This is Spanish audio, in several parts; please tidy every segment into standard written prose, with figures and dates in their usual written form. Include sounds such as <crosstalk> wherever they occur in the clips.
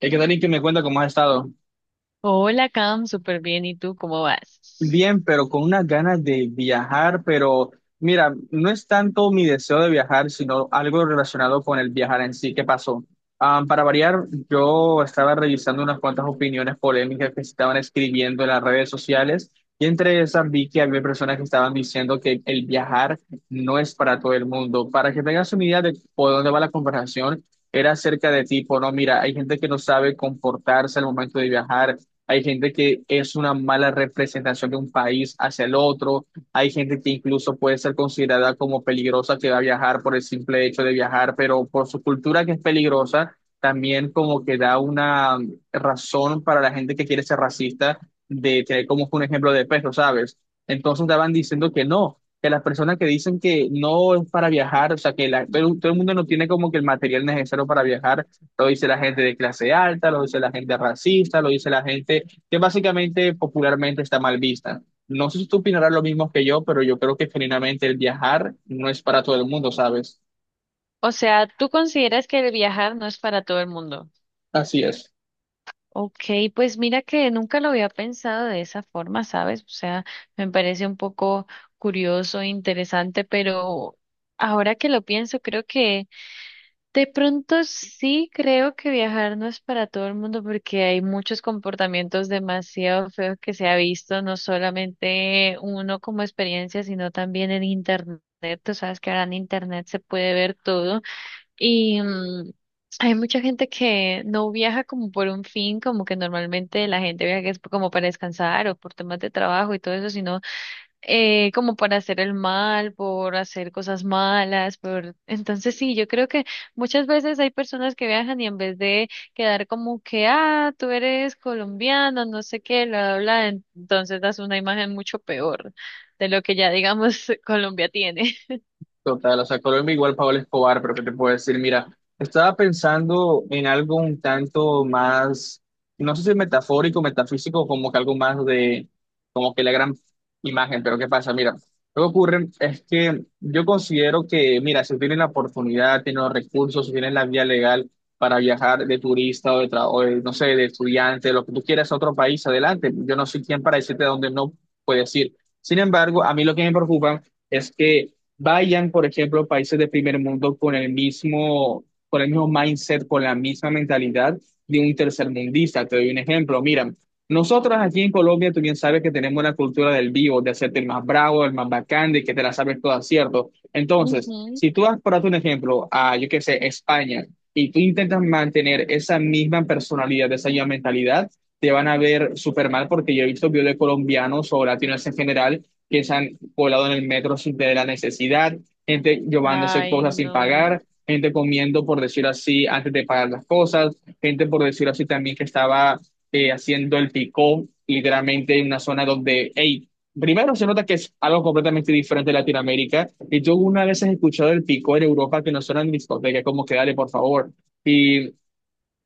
¿Qué tal y que me cuenta cómo has estado? Hola, Cam, súper bien. ¿Y tú cómo vas? Bien, pero con unas ganas de viajar, pero mira, no es tanto mi deseo de viajar, sino algo relacionado con el viajar en sí. ¿Qué pasó? Ah, para variar, yo estaba revisando unas cuantas opiniones polémicas que se estaban escribiendo en las redes sociales y entre esas vi que había personas que estaban diciendo que el viajar no es para todo el mundo. Para que tengas una idea de por dónde va la conversación, era acerca de tipo, no, mira, hay gente que no sabe comportarse al momento de viajar, hay gente que es una mala representación de un país hacia el otro, hay gente que incluso puede ser considerada como peligrosa que va a viajar por el simple hecho de viajar, pero por su cultura que es peligrosa, también como que da una razón para la gente que quiere ser racista de tener como un ejemplo de peso, ¿sabes? Entonces estaban diciendo que no, que las personas que dicen que no es para viajar, o sea, que todo el mundo no tiene como que el material necesario para viajar, lo dice la gente de clase alta, lo dice la gente racista, lo dice la gente que básicamente popularmente está mal vista. No sé si tú opinarás lo mismo que yo, pero yo creo que genuinamente el viajar no es para todo el mundo, ¿sabes? O sea, ¿tú consideras que el viajar no es para todo el mundo? Así es. Ok, pues mira que nunca lo había pensado de esa forma, ¿sabes? O sea, me parece un poco curioso, e interesante, pero ahora que lo pienso, creo que de pronto sí creo que viajar no es para todo el mundo porque hay muchos comportamientos demasiado feos que se ha visto, no solamente uno como experiencia, sino también en internet. Tú sabes que ahora en internet se puede ver todo y hay mucha gente que no viaja como por un fin, como que normalmente la gente viaja que es como para descansar o por temas de trabajo y todo eso, sino como para hacer el mal, por hacer cosas malas, por... Entonces sí, yo creo que muchas veces hay personas que viajan y en vez de quedar como que, ah, tú eres colombiano, no sé qué, bla, bla, bla, entonces das una imagen mucho peor de lo que ya, digamos, <laughs> Colombia tiene. Total, o sea, Colombia igual Pablo Escobar, pero ¿qué te puedo decir? Mira, estaba pensando en algo un tanto más, no sé si metafórico, metafísico, como que algo más de, como que la gran imagen, pero ¿qué pasa? Mira, lo que ocurre es que yo considero que, mira, si tienen la oportunidad, tienen los recursos, si tienen la vía legal para viajar de turista o de, no sé, de estudiante, lo que tú quieras a otro país, adelante. Yo no soy quien para decirte a dónde no puedes ir. Sin embargo, a mí lo que me preocupa es que vayan, por ejemplo, países de primer mundo con el mismo mindset, con la misma mentalidad de un tercermundista. Te doy un ejemplo. Mira, nosotros aquí en Colombia, tú bien sabes que tenemos la cultura del vivo, de hacerte el más bravo, el más bacán, de que te la sabes toda, ¿cierto? <laughs> Entonces, Ujú. si tú vas, por darte un ejemplo, a, yo qué sé, España, y tú intentas mantener esa misma personalidad, esa misma mentalidad, te van a ver súper mal porque yo he visto videos de colombianos o latinos en general que se han colado en el metro sin tener la necesidad, gente llevándose Ay, cosas sin no. pagar, gente comiendo, por decirlo así, antes de pagar las cosas, gente, por decirlo así, también que estaba haciendo el picó, literalmente en una zona donde, hey, primero se nota que es algo completamente diferente de Latinoamérica, y yo una vez he escuchado el picó en Europa que no suena en discoteca, como que dale, por favor. Y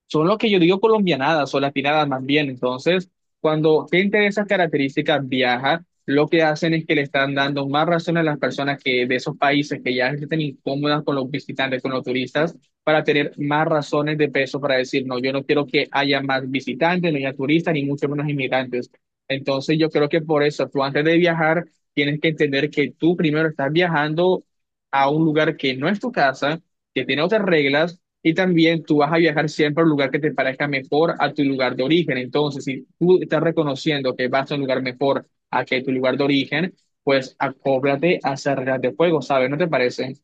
son lo que yo digo colombianadas o latinadas más bien. Entonces, cuando gente de esas características viaja, lo que hacen es que le están dando más razón a las personas que de esos países que ya se sienten incómodas con los visitantes, con los turistas, para tener más razones de peso para decir, no, yo no quiero que haya más visitantes, no haya turistas, ni mucho menos inmigrantes. Entonces, yo creo que por eso, tú antes de viajar, tienes que entender que tú primero estás viajando a un lugar que no es tu casa, que tiene otras reglas y también tú vas a viajar siempre al lugar que te parezca mejor a tu lugar de origen. Entonces, si tú estás reconociendo que vas a un lugar mejor a que tu lugar de origen, pues acóblate a hacer reglas de juego, ¿sabes? ¿No te parece?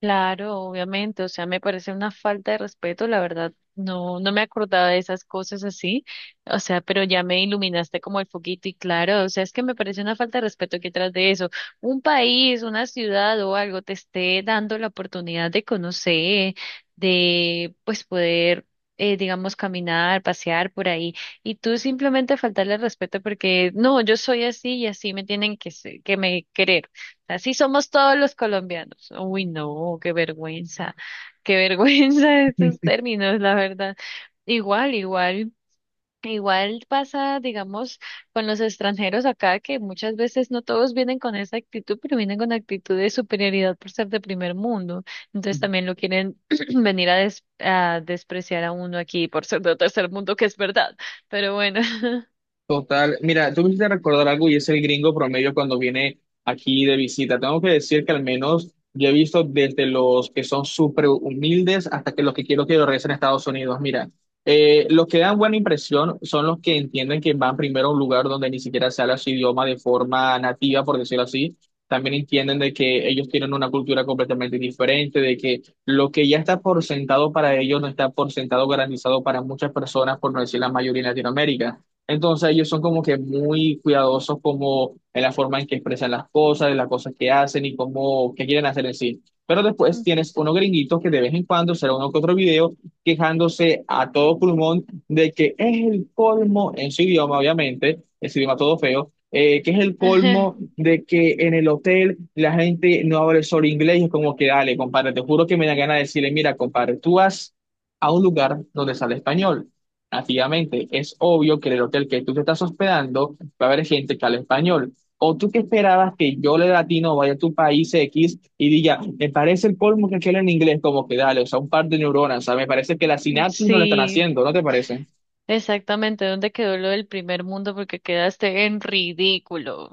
Claro, obviamente, o sea, me parece una falta de respeto, la verdad, no me acordaba de esas cosas así, o sea, pero ya me iluminaste como el foquito y claro, o sea, es que me parece una falta de respeto que tras de eso, un país, una ciudad o algo te esté dando la oportunidad de conocer, de pues poder, digamos, caminar, pasear por ahí, y tú simplemente faltarle el respeto porque, no, yo soy así y así me tienen que, que me querer. Así somos todos los colombianos. Uy, no, qué vergüenza <laughs> estos términos, la verdad. Igual, igual, igual pasa, digamos, con los extranjeros acá, que muchas veces no todos vienen con esa actitud, pero vienen con actitud de superioridad por ser de primer mundo. Entonces también lo quieren <clears throat> venir a, a despreciar a uno aquí por ser de tercer mundo, que es verdad. Pero bueno. Total, mira, tú me hiciste recordar algo y es el gringo promedio cuando viene aquí de visita. Tengo que decir que al menos yo he visto desde los que son súper humildes hasta que los que quiero que regresen a Estados Unidos. Mira, los que dan buena impresión son los que entienden que van primero a un lugar donde ni siquiera se habla su idioma de forma nativa, por decirlo así. También entienden de que ellos tienen una cultura completamente diferente, de que lo que ya está por sentado para ellos no está por sentado garantizado para muchas personas, por no decir la mayoría en Latinoamérica. Entonces ellos son como que muy cuidadosos como en la forma en que expresan las cosas, en las cosas que hacen y cómo, qué quieren hacer en sí. Pero después <laughs> tienes unos gringuitos que de vez en cuando será uno que otro video quejándose a todo pulmón de que es el colmo en su idioma, obviamente, es idioma todo feo, que es el colmo <laughs> de que en el hotel la gente no habla solo inglés, es como que dale, compadre, te juro que me da ganas de decirle, mira, compadre, tú vas a un lugar donde sale español nativamente. Es obvio que en el hotel que tú te estás hospedando va a haber gente que habla español. ¿O tú qué esperabas que yo, le latino, vaya a tu país X y diga, me parece el colmo que aquel en inglés, como que dale, o sea, un par de neuronas, o sea, me parece que la sinapsis no la están Sí, haciendo, ¿no te parece? exactamente, ¿dónde quedó lo del primer mundo? Porque quedaste en ridículo.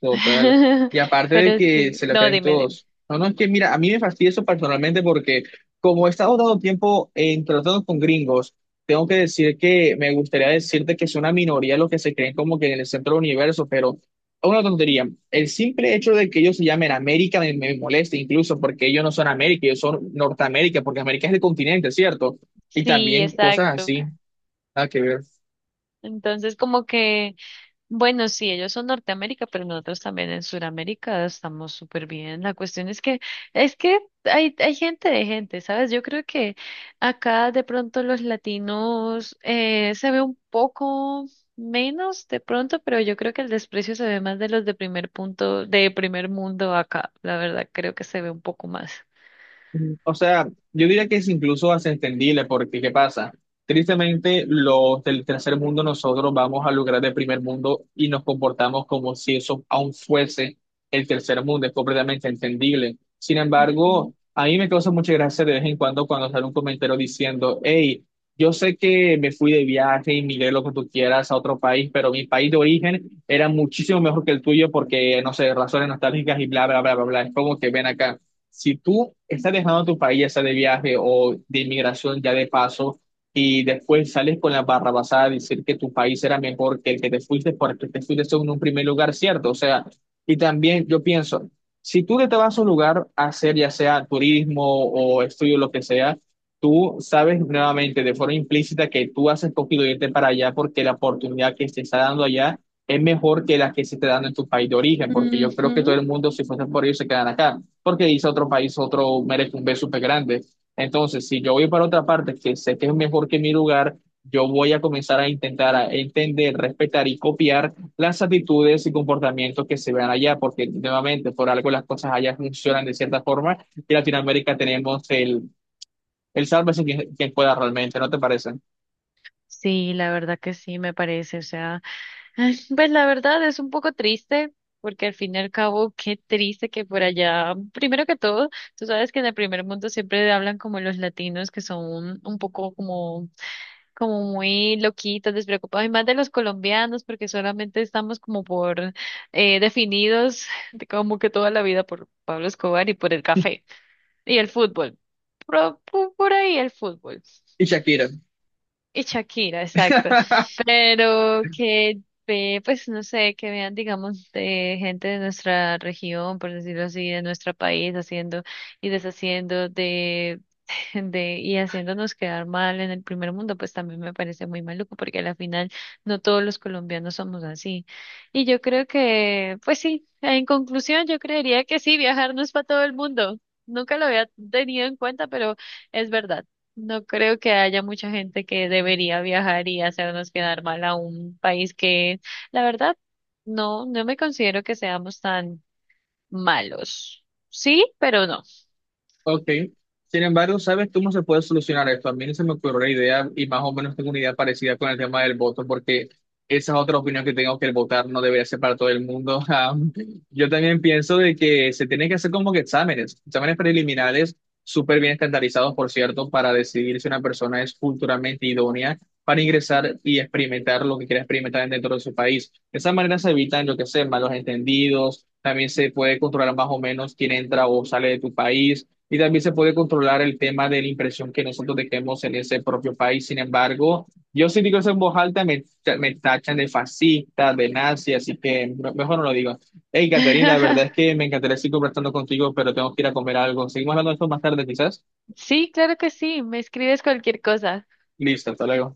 Total. <laughs> Y aparte de Pero que sí, se lo no, creen dime, dime. todos. No, no, es que mira, a mí me fastidia eso personalmente porque como he estado dando tiempo en tratando con gringos, tengo que decir que me gustaría decirte que es una minoría los que se creen como que en el centro del universo, pero es una tontería. El simple hecho de que ellos se llamen América me molesta incluso porque ellos no son América, ellos son Norteamérica, porque América es el continente, ¿cierto? Y Sí, también cosas exacto. así, nada que ver. Entonces, como que bueno, sí, ellos son Norteamérica, pero nosotros también en Sudamérica estamos súper bien. La cuestión es que hay gente de gente, ¿sabes? Yo creo que acá de pronto los latinos se ve un poco menos de pronto, pero yo creo que el desprecio se ve más de los de primer punto, de primer mundo acá. La verdad, creo que se ve un poco más. O sea, yo diría que es incluso hasta entendible porque ¿qué pasa? Tristemente, los del tercer mundo nosotros vamos al lugar del primer mundo y nos comportamos como si eso aún fuese el tercer mundo, es completamente entendible. Sin Ujú. embargo, a mí me causa mucha gracia de vez en cuando cuando sale un comentario diciendo, hey, yo sé que me fui de viaje y migré lo que tú quieras a otro país, pero mi país de origen era muchísimo mejor que el tuyo porque, no sé, razones nostálgicas y bla, bla, bla, bla, bla. Es como que ven acá. Si tú estás dejando tu país, ya sea de viaje o de inmigración, ya de paso, y después sales con la barra basada a decir que tu país era mejor que el que te fuiste porque te fuiste en un primer lugar, ¿cierto? O sea, y también yo pienso, si tú te vas a un lugar a hacer ya sea turismo o estudio, lo que sea, tú sabes nuevamente de forma implícita que tú has escogido irte para allá porque la oportunidad que se está dando allá es mejor que la que se está dando en tu país de origen, porque yo creo que todo Ujú. el mundo, si fuese por ello, se quedan acá porque dice otro país, otro merece un B súper grande. Entonces, si yo voy para otra parte que sé que es mejor que mi lugar, yo voy a comenzar a intentar a entender, respetar y copiar las actitudes y comportamientos que se vean allá, porque nuevamente, por algo las cosas allá funcionan de cierta forma y en Latinoamérica tenemos el sálvese quien pueda realmente, ¿no te parece? Sí, la verdad que sí, me parece. O sea, ay, pues la verdad es un poco triste, porque al fin y al cabo, qué triste que por allá, primero que todo, tú sabes que en el primer mundo siempre hablan como los latinos que son un poco como, como muy loquitos, despreocupados, y más de los colombianos, porque solamente estamos como por definidos de como que toda la vida por Pablo Escobar y por el café y el fútbol. Por, por ahí el fútbol. Y Shakira. Y Shakira, exacto. <laughs> Pero que, ve, pues no sé, que vean, digamos, de gente de nuestra región, por decirlo así, de nuestro país, haciendo y deshaciendo de, <laughs> de, y haciéndonos quedar mal en el primer mundo, pues también me parece muy maluco, porque a la final no todos los colombianos somos así. Y yo creo que, pues sí, en conclusión, yo creería que sí, viajar no es para todo el mundo. Nunca lo había tenido en cuenta, pero es verdad. No creo que haya mucha gente que debería viajar y hacernos quedar mal a un país que, la verdad, no me considero que seamos tan malos. Sí, pero no. Ok. Sin embargo, ¿sabes cómo se puede solucionar esto? A mí se me ocurrió la idea y más o menos tengo una idea parecida con el tema del voto, porque esa es otra opinión que tengo que el votar no debería ser para todo el mundo. <laughs> Yo también pienso de que se tienen que hacer como que exámenes, exámenes preliminares, súper bien estandarizados, por cierto, para decidir si una persona es culturalmente idónea para ingresar y experimentar lo que quiera experimentar dentro de su país. De esa manera se evitan, lo que sé, malos entendidos, también se puede controlar más o menos quién entra o sale de tu país y también se puede controlar el tema de la impresión que nosotros dejemos en ese propio país. Sin embargo, yo si digo eso en voz alta, me tachan de fascista, de nazi, así que mejor no lo digo. Hey, Caterina, la verdad <laughs> es que me encantaría seguir conversando contigo, pero tengo que ir a comer algo. Seguimos hablando de esto más tarde, quizás. Sí, claro que sí, me escribes cualquier cosa. Listo, hasta luego.